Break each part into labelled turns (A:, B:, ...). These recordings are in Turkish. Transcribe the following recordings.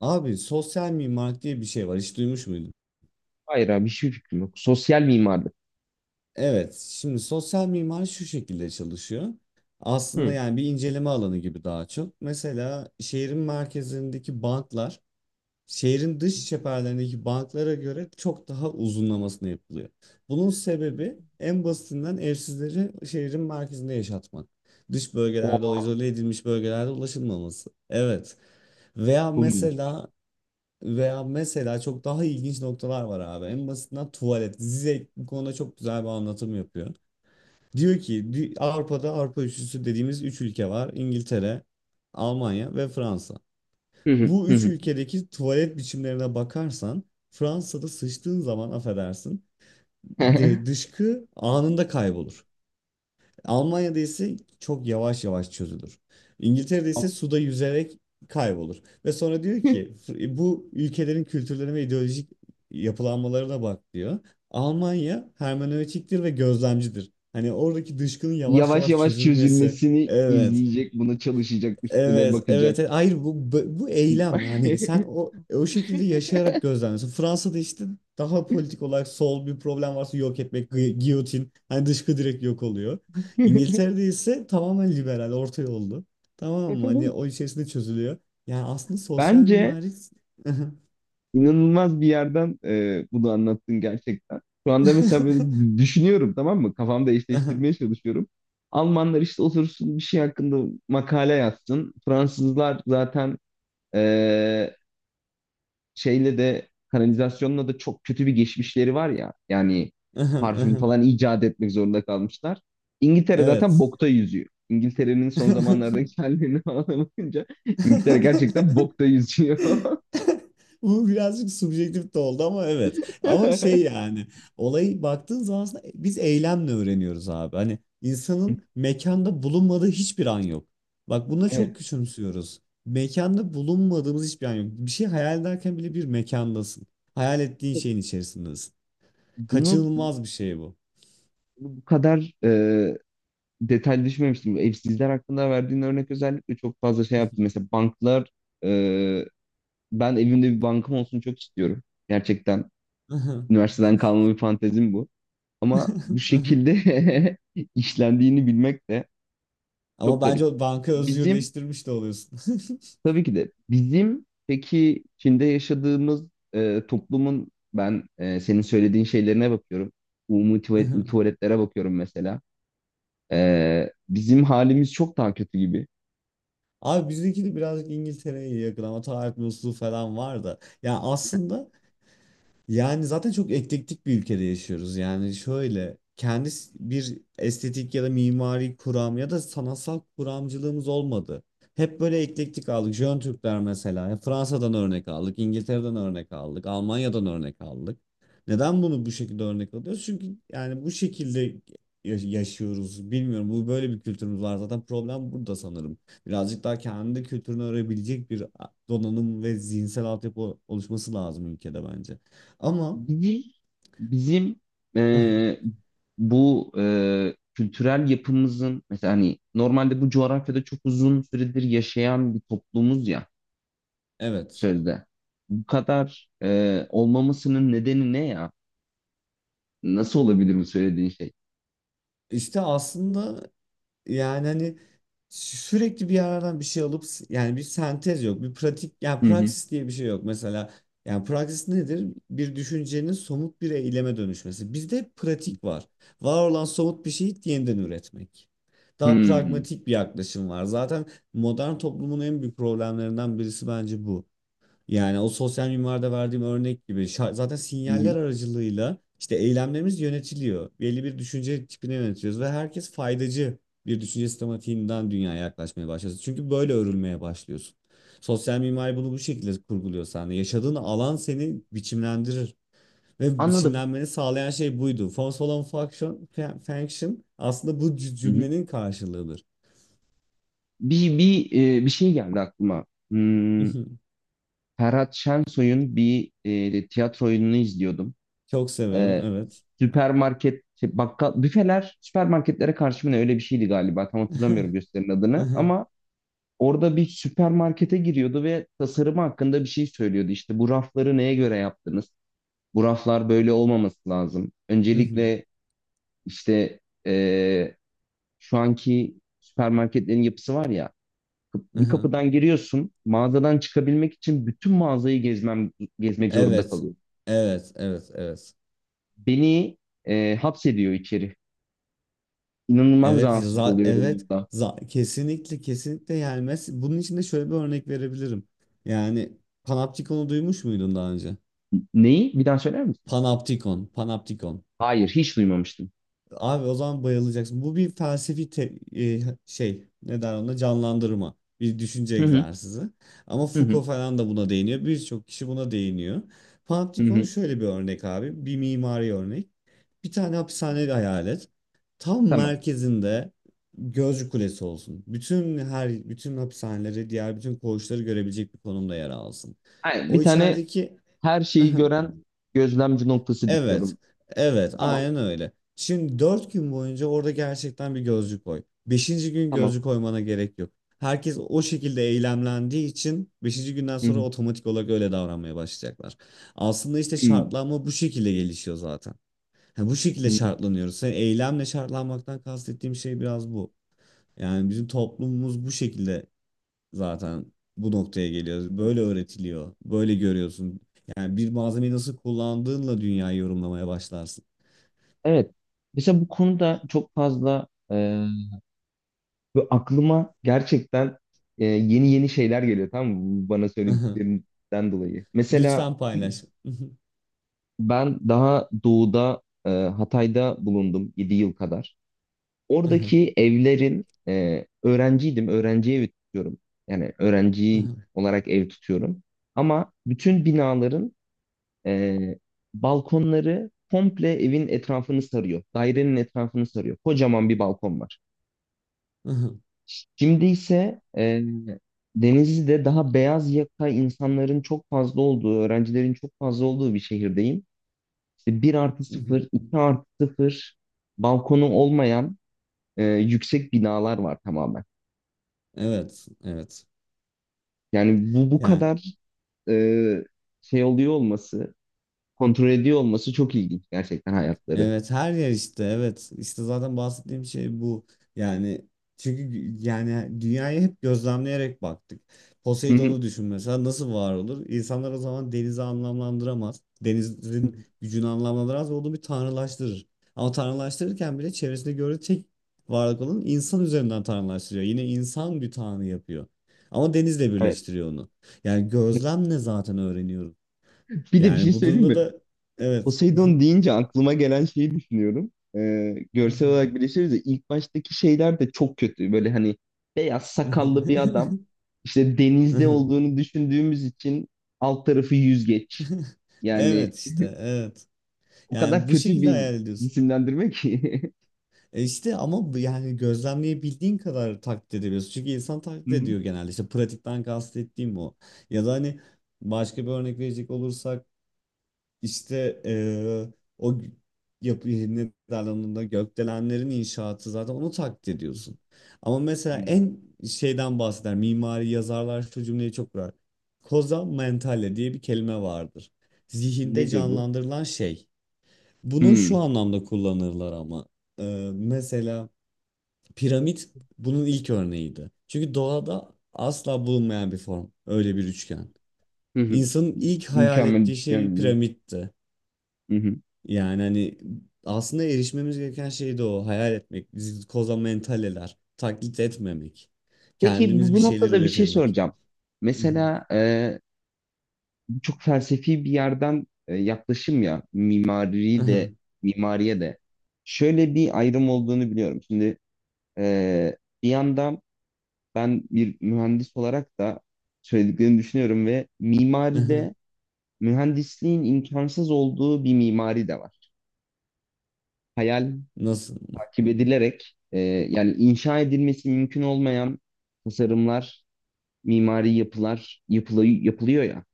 A: Abi sosyal mimarlık diye bir şey var. Hiç duymuş muydun?
B: Hayır abi hiçbir fikrim yok. Sosyal mimarlık.
A: Evet. Şimdi sosyal mimari şu şekilde çalışıyor. Aslında
B: Hı.
A: yani bir inceleme alanı gibi daha çok. Mesela şehrin merkezindeki banklar şehrin dış çeperlerindeki banklara göre çok daha uzunlamasına yapılıyor. Bunun sebebi en basitinden evsizleri şehrin merkezinde yaşatmak. Dış bölgelerde o
B: Oo,
A: izole edilmiş bölgelerde ulaşılmaması. Evet. Veya
B: çok ilginç.
A: mesela Veya mesela çok daha ilginç noktalar var abi. En basitinden tuvalet. Zizek bu konuda çok güzel bir anlatım yapıyor. Diyor ki Avrupa'da Avrupa üçlüsü dediğimiz üç ülke var. İngiltere, Almanya ve Fransa.
B: Hı hı,
A: Bu
B: hı
A: üç
B: hı.
A: ülkedeki tuvalet biçimlerine bakarsan Fransa'da sıçtığın zaman affedersin dışkı anında kaybolur. Almanya'da ise çok yavaş yavaş çözülür. İngiltere'de ise suda yüzerek kaybolur. Ve sonra diyor ki bu ülkelerin kültürlerine ve ideolojik yapılanmalarına bak," diyor. Almanya hermenötiktir ve gözlemcidir. Hani oradaki dışkının yavaş
B: Yavaş
A: yavaş
B: yavaş
A: çözülmesi.
B: çözülmesini
A: Evet.
B: izleyecek, buna çalışacak, üstüne
A: Evet, evet.
B: bakacak.
A: Evet. Hayır, bu bu eylem, yani sen o şekilde yaşayarak gözlemliyorsun. Fransa'da işte daha politik olarak sol bir problem varsa yok etmek, giyotin, hani dışkı direkt yok oluyor. İngiltere'de ise tamamen liberal, orta yollu. Tamam mı? Hani o içerisinde çözülüyor. Yani aslında sosyal
B: Bence
A: mimari.
B: inanılmaz bir yerden bunu anlattın gerçekten. Şu anda mesela böyle düşünüyorum, tamam mı? Kafamda eşleştirmeye çalışıyorum. Almanlar işte otursun bir şey hakkında makale yazsın. Fransızlar zaten şeyle de kanalizasyonla da çok kötü bir geçmişleri var ya. Yani parfüm falan icat etmek zorunda kalmışlar. İngiltere zaten
A: Evet.
B: bokta yüzüyor. İngiltere'nin son zamanlardaki hallerini falan da bakınca İngiltere gerçekten bokta yüzüyor.
A: Bu birazcık subjektif de oldu ama evet. Ama şey yani olayı baktığın zaman aslında biz eylemle öğreniyoruz abi. Hani insanın mekanda bulunmadığı hiçbir an yok. Bak, buna
B: Evet.
A: çok küçümsüyoruz. Mekanda bulunmadığımız hiçbir an yok. Bir şey hayal ederken bile bir mekandasın. Hayal ettiğin şeyin içerisindesin.
B: Bunu
A: Kaçınılmaz bir şey bu.
B: bu kadar detaylı düşünmemiştim. Evsizler hakkında verdiğin örnek özellikle çok fazla şey yaptım. Mesela banklar, e, ben evimde bir bankam olsun çok istiyorum. Gerçekten üniversiteden kalma bir fantezim bu. Ama bu şekilde işlendiğini bilmek de
A: Ama
B: çok
A: bence
B: garip.
A: o banka
B: Bizim,
A: özgürleştirmiş de oluyorsun.
B: tabii ki de bizim, peki Çin'de yaşadığımız toplumun, ben, senin söylediğin şeylerine bakıyorum. Umumi tuvalet, tuvaletlere bakıyorum mesela. Bizim halimiz çok daha kötü gibi.
A: Abi, bizdeki de birazcık İngiltere'ye yakın ama tarih bozukluğu falan var da. Ya aslında yani zaten çok eklektik bir ülkede yaşıyoruz. Yani şöyle kendi bir estetik ya da mimari kuram ya da sanatsal kuramcılığımız olmadı. Hep böyle eklektik aldık. Jön Türkler mesela. Ya Fransa'dan örnek aldık, İngiltere'den örnek aldık, Almanya'dan örnek aldık. Neden bunu bu şekilde örnek alıyoruz? Çünkü yani bu şekilde yaşıyoruz. Bilmiyorum, bu böyle bir kültürümüz var. Zaten problem burada sanırım. Birazcık daha kendi kültürünü öğrenebilecek bir donanım ve zihinsel altyapı oluşması lazım ülkede bence. Ama
B: Bizim bizim e, bu kültürel yapımızın, mesela, hani normalde bu coğrafyada çok uzun süredir yaşayan bir toplumuz ya.
A: evet,
B: Sözde. Bu kadar olmamasının nedeni ne ya? Nasıl olabilir bu söylediğin şey?
A: işte aslında yani hani sürekli bir yerden bir şey alıp, yani bir sentez yok, bir pratik, yani
B: Hı hı.
A: praksis diye bir şey yok mesela. Yani praksis nedir? Bir düşüncenin somut bir eyleme dönüşmesi. Bizde hep pratik var, var olan somut bir şeyi yeniden üretmek. Daha
B: Hmm.
A: pragmatik bir yaklaşım var zaten. Modern toplumun en büyük problemlerinden birisi bence bu. Yani o sosyal mimarda verdiğim örnek gibi, zaten
B: Hı hı.
A: sinyaller aracılığıyla işte eylemlerimiz yönetiliyor. Belli bir düşünce tipine yönetiyoruz ve herkes faydacı bir düşünce sistematiğinden dünyaya yaklaşmaya başlıyorsun. Çünkü böyle örülmeye başlıyorsun. Sosyal mimari bunu bu şekilde kurguluyor sende. Yaşadığın alan seni biçimlendirir ve
B: Anladım.
A: biçimlenmeni sağlayan şey buydu. Force olan function, function aslında bu
B: Hı hı.
A: cümlenin karşılığıdır.
B: Bir şey geldi aklıma. Hmm, Ferhat Şensoy'un bir tiyatro oyununu izliyordum.
A: Çok severim,
B: E,
A: evet.
B: süpermarket şey, bakkal büfeler süpermarketlere karşı mı ne, öyle bir şeydi galiba. Tam hatırlamıyorum gösterinin adını ama orada bir süpermarkete giriyordu ve tasarımı hakkında bir şey söylüyordu. İşte bu rafları neye göre yaptınız? Bu raflar böyle olmaması lazım. Öncelikle işte eee, şu anki süpermarketlerin yapısı var ya, bir kapıdan giriyorsun, mağazadan çıkabilmek için bütün mağazayı gezmek zorunda
A: Evet.
B: kalıyorum.
A: Evet, evet, evet.
B: Beni hapsediyor içeri. İnanılmaz
A: Evet,
B: rahatsız oluyorum
A: evet.
B: bundan.
A: Kesinlikle, kesinlikle, yani bunun için de şöyle bir örnek verebilirim. Yani Panopticon'u duymuş muydun daha önce?
B: Neyi? Bir daha söyler misin?
A: Panopticon, Panopticon.
B: Hayır, hiç duymamıştım.
A: Abi, o zaman bayılacaksın. Bu bir felsefi şey, ne der ona, canlandırma. Bir düşünce
B: Hı hı,
A: egzersizi. Ama
B: hı hı,
A: Foucault falan da buna değiniyor. Birçok kişi buna değiniyor.
B: hı
A: Panoptikon
B: hı.
A: şöyle bir örnek abi. Bir mimari örnek. Bir tane hapishane hayal et. Tam
B: Tamam.
A: merkezinde gözcü kulesi olsun. Bütün hapishaneleri, diğer bütün koğuşları görebilecek bir konumda yer alsın.
B: Hayır, bir
A: O
B: tane
A: içerideki.
B: her şeyi gören gözlemci noktası
A: Evet.
B: dikiyorum.
A: Evet.
B: Tamam,
A: Aynen öyle. Şimdi 4 gün boyunca orada gerçekten bir gözcü koy. 5. gün
B: tamam.
A: gözcü koymana gerek yok. Herkes o şekilde eylemlendiği için 5. günden
B: Hı
A: sonra
B: hı,
A: otomatik olarak öyle davranmaya başlayacaklar. Aslında işte
B: hı
A: şartlanma bu şekilde gelişiyor zaten. Ha, bu şekilde
B: hı.
A: şartlanıyoruz. Sen eylemle şartlanmaktan kastettiğim şey biraz bu. Yani bizim toplumumuz bu şekilde zaten bu noktaya geliyor. Böyle öğretiliyor. Böyle görüyorsun. Yani bir malzemeyi nasıl kullandığınla dünyayı yorumlamaya başlarsın.
B: Evet. Mesela bu konuda çok fazla böyle aklıma gerçekten yeni yeni şeyler geliyor, tamam mı? Bu, bana
A: Aha.
B: söylediklerinden dolayı. Mesela
A: Lütfen paylaş.
B: ben daha doğuda, Hatay'da bulundum 7 yıl kadar.
A: Aha,
B: Oradaki evlerin, öğrenciydim. Öğrenci evi tutuyorum. Yani öğrenci
A: aha,
B: olarak ev tutuyorum. Ama bütün binaların e, balkonları komple evin etrafını sarıyor. Dairenin etrafını sarıyor. Kocaman bir balkon var.
A: aha,
B: Şimdi ise Denizli'de, daha beyaz yaka insanların çok fazla olduğu, öğrencilerin çok fazla olduğu bir şehirdeyim. İşte 1 artı
A: aha.
B: sıfır, 2+0, balkonu olmayan, yüksek binalar var tamamen.
A: Evet, evet.
B: Yani bu
A: Yani
B: kadar e, şey oluyor olması, kontrol ediyor olması çok ilginç gerçekten hayatları.
A: evet, her yer işte, evet işte zaten bahsettiğim şey bu yani. Çünkü yani dünyayı hep gözlemleyerek baktık.
B: Hı hı.
A: Poseidon'u düşün mesela, nasıl var olur? İnsanlar o zaman denizi anlamlandıramaz. Denizin gücünü anlamlandıramaz ve onu bir tanrılaştırır. Ama tanrılaştırırken bile çevresinde gördüğü tek varlık olan insan üzerinden tanrılaştırıyor. Yine insan bir tanrı yapıyor. Ama denizle
B: Evet.
A: birleştiriyor onu. Yani gözlemle zaten öğreniyoruz.
B: Bir de bir şey
A: Yani bu
B: söyleyeyim
A: durumda
B: mi?
A: da evet.
B: Poseidon deyince aklıma gelen şeyi düşünüyorum. Görsel olarak birleşiriz de ilk baştaki şeyler de çok kötü. Böyle hani beyaz sakallı bir adam, işte denizde olduğunu düşündüğümüz için, alt tarafı yüzgeç. Yani
A: Evet işte, evet.
B: o
A: Yani
B: kadar
A: bu
B: kötü
A: şekilde
B: bir
A: hayal ediyorsun.
B: isimlendirme ki.
A: E işte, ama bu yani gözlemleyebildiğin kadar taklit edebiliyorsun. Çünkü insan
B: Hı
A: taklit
B: hı.
A: ediyor genelde. İşte pratikten kastettiğim o. Ya da hani başka bir örnek verecek olursak, İşte o yapı ne derler, onunla gökdelenlerin inşaatı, zaten onu taklit ediyorsun. Ama mesela
B: Hmm.
A: en şeyden bahseder mimari yazarlar, şu cümleyi çok kurar. Koza mentale diye bir kelime vardır. Zihinde
B: Nedir bu?
A: canlandırılan şey. Bunu şu
B: Hmm.
A: anlamda kullanırlar ama mesela piramit bunun ilk örneğiydi. Çünkü doğada asla bulunmayan bir form, öyle bir üçgen.
B: Hı hı.
A: İnsanın ilk hayal
B: Mükemmel
A: ettiği şey
B: üçgen.
A: piramitti.
B: Hı hı.
A: Yani hani aslında erişmemiz gereken şey de o. Hayal etmek, bizi koza mentaleler, taklit etmemek.
B: Peki, bu,
A: Kendimiz bir
B: bu
A: şeyler
B: noktada bir şey
A: üretebilmek.
B: soracağım.
A: Hı hı.
B: Mesela çok felsefi bir yerden yaklaşım ya, mimari
A: Aha,
B: de, mimariye de şöyle bir ayrım olduğunu biliyorum. Şimdi e, bir yandan ben bir mühendis olarak da söylediklerini düşünüyorum ve
A: aha.
B: mimaride mühendisliğin imkansız olduğu bir mimari de var. Hayal
A: Nasıl?
B: takip edilerek, yani inşa edilmesi mümkün olmayan tasarımlar, mimari yapılar yapılıyor ya.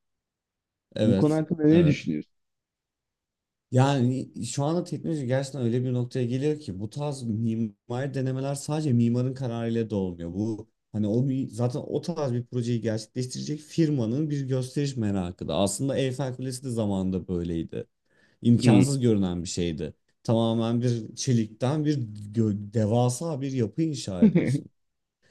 B: Bu konu
A: Evet,
B: hakkında ne
A: evet.
B: düşünüyorsun?
A: Yani şu anda teknoloji gerçekten öyle bir noktaya geliyor ki bu tarz mimari denemeler sadece mimarın kararıyla da olmuyor. Bu, hani o zaten o tarz bir projeyi gerçekleştirecek firmanın bir gösteriş merakı da. Aslında Eyfel Kulesi de zamanında böyleydi.
B: Hmm.
A: İmkansız görünen bir şeydi. Tamamen bir çelikten bir devasa bir yapı inşa ediyorsun.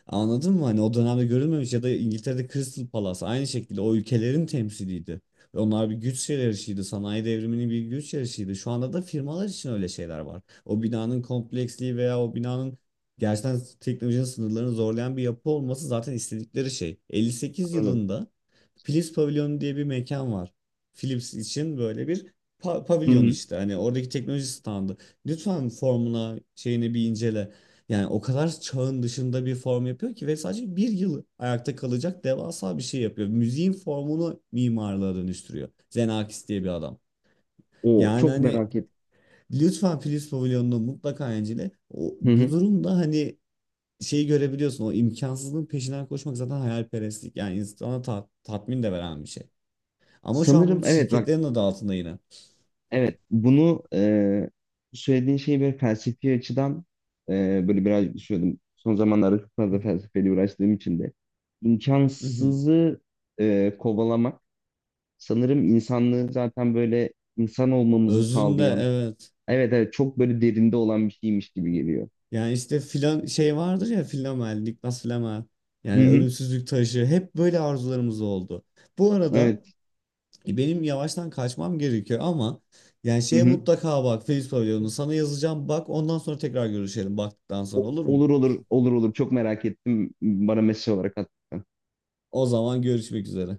A: Anladın mı? Hani o dönemde görülmemiş ya da İngiltere'de Crystal Palace aynı şekilde o ülkelerin temsiliydi. Ve onlar bir güç yarışıydı. Sanayi devriminin bir güç yarışıydı. Şu anda da firmalar için öyle şeyler var. O binanın kompleksliği veya o binanın gerçekten teknolojinin sınırlarını zorlayan bir yapı olması zaten istedikleri şey. 58
B: Anladım.
A: yılında Philips Pavilyonu diye bir mekan var. Philips için böyle bir
B: Hı
A: pavilyon
B: hı.
A: işte. Hani oradaki teknoloji standı. Lütfen formuna, şeyini bir incele. Yani o kadar çağın dışında bir form yapıyor ki, ve sadece bir yıl ayakta kalacak devasa bir şey yapıyor. Müziğin formunu mimarlığa dönüştürüyor. Xenakis diye bir adam.
B: O
A: Yani
B: çok
A: hani
B: merak ettim.
A: lütfen Philips Pavilion'unu mutlaka incele. O,
B: Hı
A: bu
B: hı.
A: durumda hani şeyi görebiliyorsun. O imkansızlığın peşinden koşmak zaten hayalperestlik. Yani insana tatmin de veren bir şey. Ama şu an
B: Sanırım
A: bunu
B: evet, bak,
A: şirketlerin adı altında yine.
B: evet, bunu, söylediğin şeyi böyle felsefi açıdan böyle birazcık düşünüyordum. Son zamanlarda çok
A: Hı
B: fazla
A: hı.
B: felsefeyle uğraştığım için de
A: Hı hı.
B: imkansızı kovalamak, sanırım insanlığı, zaten böyle insan olmamızı
A: Özünde
B: sağlayan,
A: evet.
B: evet, evet, çok böyle derinde olan bir şeymiş gibi geliyor.
A: Yani işte filan şey vardır ya, Flamel, Niklas Flamel.
B: Hı
A: Yani
B: hı.
A: ölümsüzlük taşı, hep böyle arzularımız oldu. Bu
B: Evet.
A: arada benim yavaştan kaçmam gerekiyor ama yani
B: Hı
A: şeye
B: hı.
A: mutlaka bak, Feliz Pavilion'u sana yazacağım, bak ondan sonra tekrar görüşelim baktıktan sonra, olur mu?
B: Olur, olur, olur, olur, çok merak ettim. Bana mesaj olarak at.
A: O zaman görüşmek üzere.